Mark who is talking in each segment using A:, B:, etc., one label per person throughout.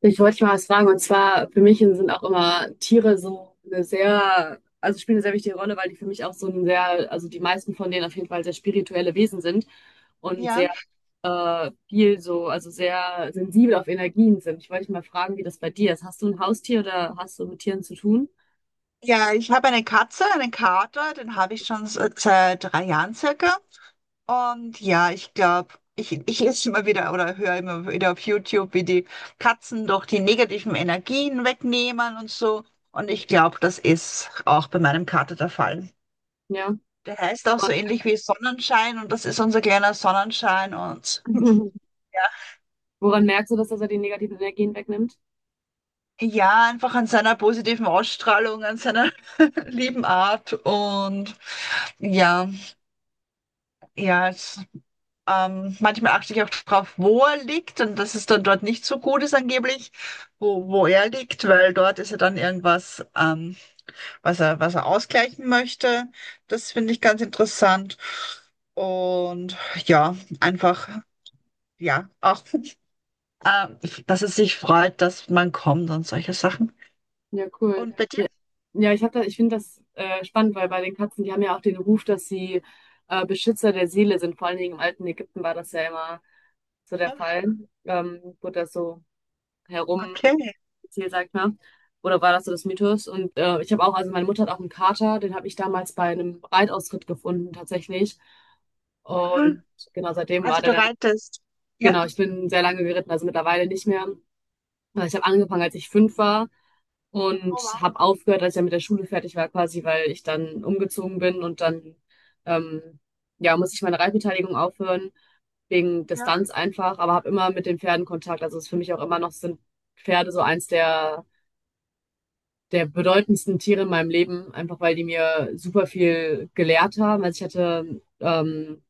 A: Ich wollte dich mal was fragen, und zwar für mich sind auch immer Tiere so eine sehr, also spielen eine sehr wichtige Rolle, weil die für mich auch so ein sehr, also die meisten von denen auf jeden Fall sehr spirituelle Wesen sind und
B: Ja,
A: sehr viel so, also sehr sensibel auf Energien sind. Ich wollte dich mal fragen, wie das bei dir ist. Hast du ein Haustier oder hast du mit Tieren zu tun?
B: ja, ich habe eine Katze, einen Kater, den habe ich schon seit 3 Jahren circa. Und ja, ich glaube, ich lese immer wieder oder höre immer wieder auf YouTube, wie die Katzen doch die negativen Energien wegnehmen und so. Und ich glaube, das ist auch bei meinem Kater der Fall.
A: Ja.
B: Der heißt auch so
A: Und
B: ähnlich wie Sonnenschein und das ist unser kleiner Sonnenschein. Und ja,
A: woran merkst du, dass er die negativen Energien wegnimmt?
B: ja, einfach an seiner positiven Ausstrahlung, an seiner lieben Art. Und ja, ja, es. Manchmal achte ich auch drauf, wo er liegt und dass es dann dort nicht so gut ist angeblich, wo er liegt, weil dort ist ja dann irgendwas, was er ausgleichen möchte. Das finde ich ganz interessant. Und ja, einfach, ja, auch, ähm, dass es sich freut, dass man kommt und solche Sachen.
A: Ja, cool.
B: Und bei dir?
A: Ja, ja, ich hab da, ich finde das spannend, weil bei den Katzen, die haben ja auch den Ruf, dass sie Beschützer der Seele sind. Vor allen Dingen im alten Ägypten war das ja immer so der Fall. Wurde das so herum
B: Okay.
A: erzählt, sag ich mal. Oder war das so das Mythos? Und ich habe auch, also meine Mutter hat auch einen Kater, den habe ich damals bei einem Reitausritt gefunden, tatsächlich.
B: Aha.
A: Und genau, seitdem war
B: Also
A: der
B: du
A: dann,
B: reitest. Ja.
A: genau, ich bin sehr lange geritten, also mittlerweile nicht mehr. Aber ich habe angefangen, als ich fünf war und
B: Oh,
A: habe aufgehört, als ich dann mit der Schule fertig war, quasi, weil ich dann umgezogen bin und dann ähm, ja, musste ich meine Reitbeteiligung aufhören, wegen
B: wow.
A: Distanz einfach, aber habe immer mit den Pferden Kontakt. Also es ist für mich auch immer noch, sind Pferde so eins der, der bedeutendsten Tiere in meinem Leben, einfach weil die mir super viel gelehrt haben. Also ich hatte,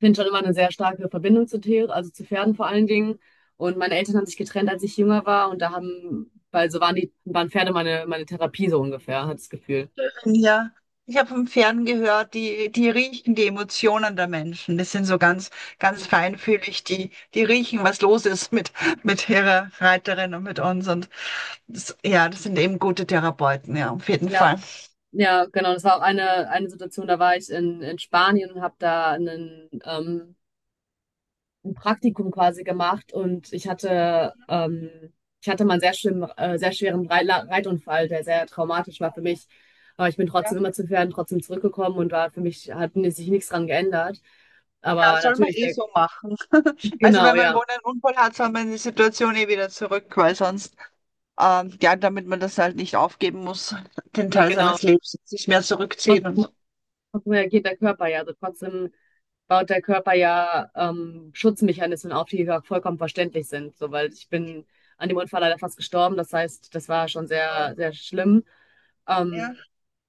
A: finde schon immer eine sehr starke Verbindung zu Tieren, also zu Pferden vor allen Dingen. Und meine Eltern haben sich getrennt, als ich jünger war. Und da haben, weil so waren die, waren Pferde meine, meine Therapie so ungefähr, hat das Gefühl.
B: Ja, ich habe vom Fern gehört, die riechen die Emotionen der Menschen. Das sind so ganz, ganz feinfühlig, die riechen, was los ist mit ihrer Reiterin und mit uns. Und das, ja, das sind eben gute Therapeuten, ja, auf jeden
A: Ja,
B: Fall.
A: ja, genau. Das war auch eine Situation, da war ich in Spanien und habe da einen ein Praktikum quasi gemacht, und ich hatte mal einen sehr schlimmen, sehr schweren Reitunfall, der sehr traumatisch war für mich. Aber ich bin
B: Ja,
A: trotzdem immer zu Pferden trotzdem zurückgekommen und war für mich, hat mir sich nichts dran geändert.
B: ja,
A: Aber
B: soll man
A: natürlich,
B: eh
A: der,
B: so machen. Also
A: genau,
B: wenn man
A: ja.
B: wohl einen Unfall hat, soll man in die Situation eh wieder zurück, weil sonst, ja, damit man das halt nicht aufgeben muss, den
A: Nee,
B: Teil
A: genau.
B: seines Lebens, sich mehr zurückziehen und so.
A: Trotzdem reagiert der Körper ja. Also trotzdem baut der Körper ja Schutzmechanismen auf, die ja vollkommen verständlich sind. So, weil ich bin an dem Unfall leider fast gestorben. Das heißt, das war schon sehr, sehr schlimm. Ähm,
B: Ja.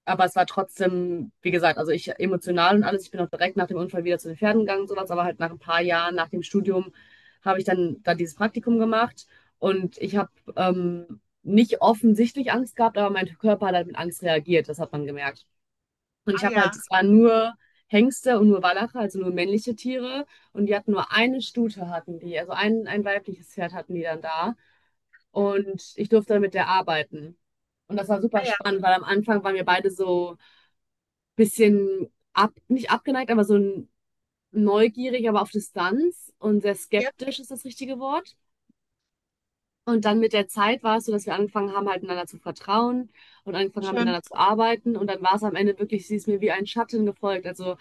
A: aber es war trotzdem, wie gesagt, also ich emotional und alles, ich bin auch direkt nach dem Unfall wieder zu den Pferden gegangen und sowas, aber halt nach ein paar Jahren, nach dem Studium, habe ich dann, dann dieses Praktikum gemacht, und ich habe nicht offensichtlich Angst gehabt, aber mein Körper hat halt mit Angst reagiert, das hat man gemerkt. Und ich
B: Ah
A: habe
B: ja, ah
A: halt,
B: ja,
A: es waren nur Hengste und nur Wallache, also nur männliche Tiere. Und die hatten nur eine Stute, hatten die. Also ein weibliches Pferd hatten die dann da. Und ich durfte dann mit der arbeiten. Und das war
B: ah
A: super
B: ja,
A: spannend, weil am Anfang waren wir beide so ein bisschen ab, nicht abgeneigt, aber so neugierig, aber auf Distanz, und sehr
B: ja,
A: skeptisch ist das richtige Wort. Und dann mit der Zeit war es so, dass wir angefangen haben, halt miteinander zu vertrauen und angefangen haben,
B: schön.
A: miteinander zu arbeiten. Und dann war es am Ende wirklich, sie ist mir wie ein Schatten gefolgt. Also,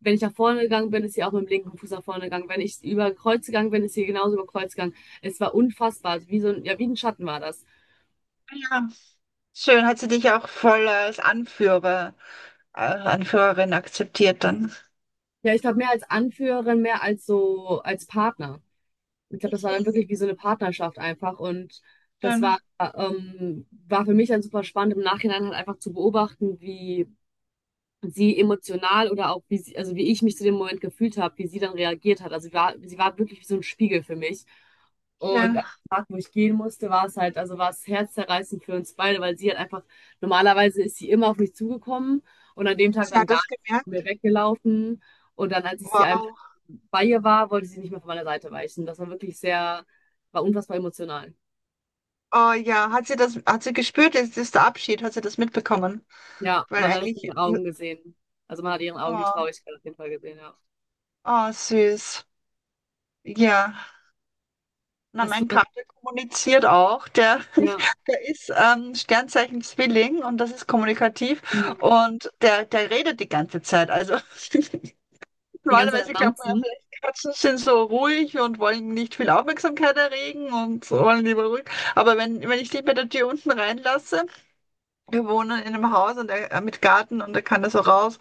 A: wenn ich nach vorne gegangen bin, ist sie auch mit dem linken Fuß nach vorne gegangen. Wenn ich über Kreuz gegangen bin, ist sie genauso über Kreuz gegangen. Es war unfassbar. Also wie so ein, ja, wie ein Schatten war das.
B: Ah ja. Schön, hat sie dich auch voll als Anführer, Anführerin akzeptiert dann.
A: Ja, ich glaube, mehr als Anführerin, mehr als so, als Partner. Ich glaube, das war dann
B: Mhm.
A: wirklich wie so eine Partnerschaft einfach. Und das war,
B: Schön,
A: war für mich dann super spannend, im Nachhinein halt einfach zu beobachten, wie sie emotional oder auch wie sie, also wie ich mich zu dem Moment gefühlt habe, wie sie dann reagiert hat. Also war, sie war wirklich wie so ein Spiegel für mich. Und am
B: schön.
A: Tag, wo ich gehen musste, war es halt, also war es herzzerreißend für uns beide, weil sie halt einfach, normalerweise ist sie immer auf mich zugekommen und an dem Tag
B: Sie
A: dann
B: hat
A: gar
B: das
A: nicht von mir
B: gemerkt.
A: weggelaufen. Und dann, als ich sie einmal
B: Wow.
A: bei ihr war, wollte sie nicht mehr von meiner Seite weichen. Das war wirklich sehr, war unfassbar emotional.
B: Oh ja, hat sie das, hat sie gespürt, jetzt ist der Abschied, hat sie das mitbekommen?
A: Ja,
B: Weil
A: man hat es in
B: eigentlich,
A: ihren Augen gesehen. Also man hat ihren Augen die
B: oh,
A: Traurigkeit auf jeden Fall gesehen, ja.
B: oh süß. Ja. Na,
A: Hast du,
B: mein Kater kommuniziert auch. Der,
A: ja.
B: der ist Sternzeichen Zwilling und das ist kommunikativ
A: Hm.
B: und der redet die ganze Zeit. Also
A: Die ganze Zeit am
B: Normalerweise glaubt man ja
A: Bouncen.
B: vielleicht, Katzen sind so ruhig und wollen nicht viel Aufmerksamkeit erregen und so wollen lieber ruhig. Aber wenn ich die bei der Tür unten reinlasse, wir wohnen in einem Haus und er mit Garten und er kann da so raus.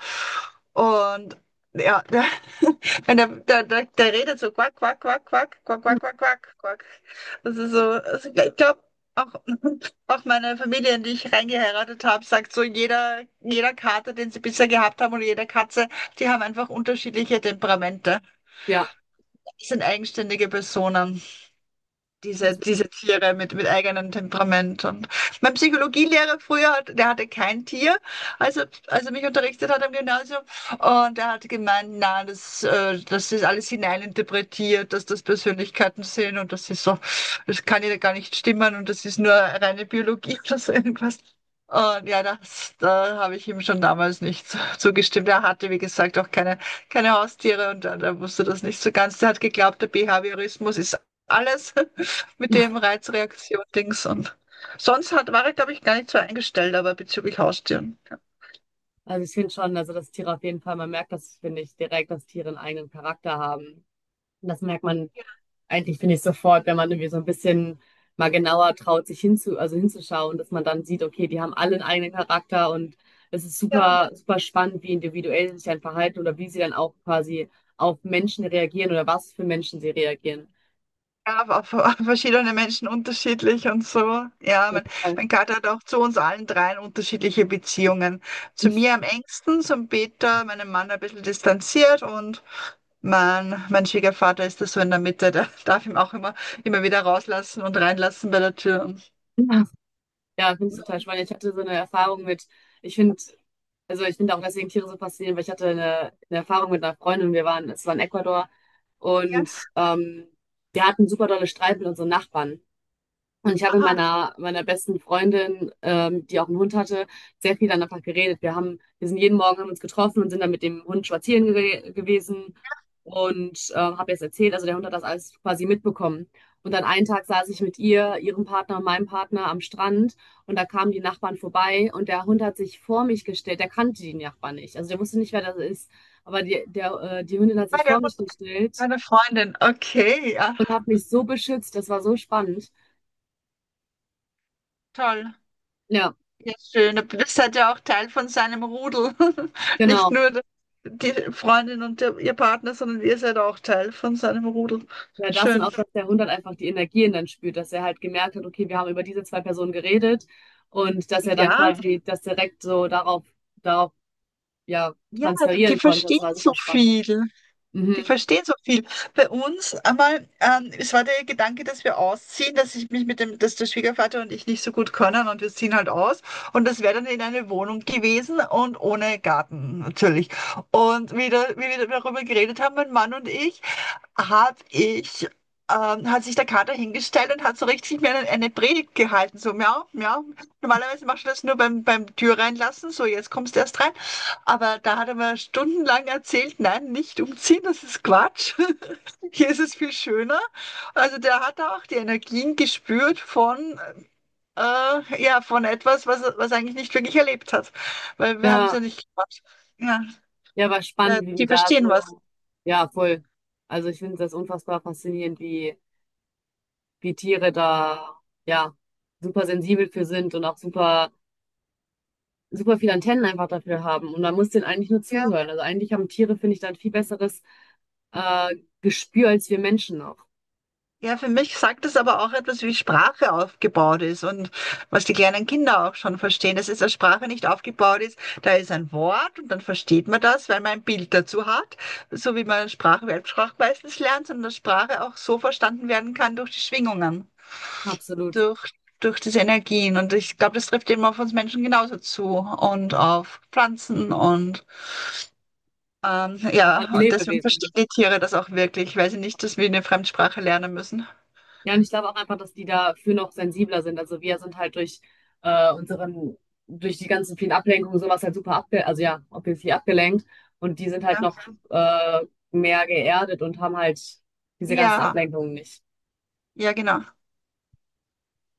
B: Und ja, der, wenn der redet so quack, quack, quack, quack, quack, quack, quack, quack, quack. Das ist so, also ich glaube, auch, auch meine Familie, in die ich reingeheiratet habe, sagt so, jeder Kater, den sie bisher gehabt haben und jede Katze, die haben einfach unterschiedliche Temperamente.
A: Ja,
B: Das sind eigenständige Personen,
A: das
B: diese,
A: find
B: diese Tiere
A: ich-
B: mit eigenem Temperament. Und mein Psychologielehrer früher, hat, der hatte kein Tier, also er, als er mich unterrichtet hat am Gymnasium. Und er hat gemeint, na, das ist alles hineininterpretiert, dass das Persönlichkeiten sind und das ist so, das kann ja gar nicht stimmen und das ist nur reine Biologie oder so irgendwas. Und ja, das, da habe ich ihm schon damals nicht zugestimmt. Er hatte, wie gesagt, auch keine Haustiere und er wusste das nicht so ganz. Er hat geglaubt, der Behaviorismus ist alles. mit dem Reizreaktion-Dings und sonst hat, war ich, glaube ich, gar nicht so eingestellt, aber bezüglich Haustieren.
A: also ich finde schon, also dass Tiere auf jeden Fall, man merkt das, finde ich, direkt, dass Tiere einen eigenen Charakter haben. Und das merkt man eigentlich, finde ich, sofort, wenn man irgendwie so ein bisschen mal genauer traut, sich hinzu, also hinzuschauen, dass man dann sieht, okay, die haben alle einen eigenen Charakter, und es ist
B: Ja,
A: super, super spannend, wie individuell sie sich dann verhalten oder wie sie dann auch quasi auf Menschen reagieren oder was für Menschen sie reagieren.
B: ja, war für verschiedene Menschen unterschiedlich und so. Ja, mein,
A: Total.
B: mein Kater hat auch zu uns allen dreien unterschiedliche Beziehungen. Zu mir am engsten, zum Peter, meinem Mann ein bisschen distanziert, und mein Schwiegervater ist da so in der Mitte, der darf ihn auch immer wieder rauslassen und reinlassen bei der Tür. Und,
A: Ja, finde ich total spannend. Ich hatte so eine Erfahrung mit, ich finde, also ich finde auch deswegen Tiere so faszinierend, weil ich hatte eine Erfahrung mit einer Freundin, wir waren, es war in Ecuador
B: ja,
A: und ähm, wir hatten super dolle Streit mit unseren Nachbarn. Und ich habe mit
B: aha,
A: meiner, meiner besten Freundin, die auch einen Hund hatte, sehr viel dann einfach geredet. Wir haben, wir sind jeden Morgen, haben uns getroffen und sind dann mit dem Hund spazieren ge gewesen, und habe jetzt erzählt, also der Hund hat das alles quasi mitbekommen. Und dann einen Tag saß ich mit ihr, ihrem Partner und meinem Partner am Strand, und da kamen die Nachbarn vorbei, und der Hund hat sich vor mich gestellt. Der kannte die Nachbarn nicht, also der wusste nicht, wer das ist. Aber die, der, die Hündin hat
B: bei
A: sich
B: der
A: vor
B: Hund
A: mich gestellt
B: deiner Freundin. Okay, ja,
A: und hat mich so beschützt. Das war so spannend.
B: toll.
A: Ja,
B: Ja, schön. Aber das hat ja auch Teil von seinem Rudel. Nicht
A: genau.
B: nur die Freundin und der, ihr Partner, sondern ihr seid auch Teil von seinem Rudel.
A: Ja, das und
B: Schön.
A: auch, dass der Hund halt einfach die Energien dann spürt, dass er halt gemerkt hat, okay, wir haben über diese zwei Personen geredet und dass er dann
B: Ja,
A: quasi das direkt so darauf, darauf, ja,
B: ja, die
A: transferieren konnte. Das
B: verstehen
A: war super
B: so
A: spannend.
B: viel. Die
A: Mhm.
B: verstehen so viel. Bei uns einmal, es war der Gedanke, dass wir ausziehen, dass ich mich mit dem, dass der Schwiegervater und ich nicht so gut können und wir ziehen halt aus. Und das wäre dann in eine Wohnung gewesen und ohne Garten natürlich. Und wieder, wie wir darüber geredet haben, mein Mann und ich, habe ich, hat sich der Kater hingestellt und hat so richtig mir eine Predigt gehalten, so miau, miau. Normalerweise machst du das nur beim Tür reinlassen, so jetzt kommst du erst rein. Aber da hat er mir stundenlang erzählt, nein, nicht umziehen, das ist Quatsch. Hier ist es viel schöner. Also der hat auch die Energien gespürt von etwas, was er eigentlich nicht wirklich erlebt hat. Weil wir haben es ja
A: Ja,
B: nicht gemacht. Ja,
A: ja, war
B: ja,
A: spannend, wie die
B: die
A: da
B: verstehen was.
A: so, ja, voll. Also ich finde das unfassbar faszinierend, wie, wie Tiere da, ja, super sensibel für sind und auch super, super viele Antennen einfach dafür haben. Und man muss denen eigentlich nur zuhören. Also eigentlich haben Tiere, finde ich, dann viel besseres äh, Gespür als wir Menschen noch.
B: Ja, für mich sagt das aber auch etwas, wie Sprache aufgebaut ist und was die kleinen Kinder auch schon verstehen, dass es als Sprache nicht aufgebaut ist. Da ist ein Wort und dann versteht man das, weil man ein Bild dazu hat, so wie man Sprache, Weltsprache meistens lernt, sondern dass Sprache auch so verstanden werden kann durch die Schwingungen,
A: Absolut.
B: durch, durch diese Energien. Und ich glaube, das trifft eben auf uns Menschen genauso zu und auf Pflanzen und
A: Vor allem
B: ja, und deswegen verstehen
A: Lebewesen.
B: die Tiere das auch wirklich, weil sie nicht dass wir eine Fremdsprache lernen müssen.
A: Ja, und ich glaube auch einfach, dass die dafür noch sensibler sind. Also wir sind halt durch unseren, durch die ganzen vielen Ablenkungen sowas halt super abge, also ja, obviously abgelenkt. Und die sind halt
B: Ja.
A: noch äh, mehr geerdet und haben halt diese ganzen
B: Ja.
A: Ablenkungen nicht.
B: Ja, genau.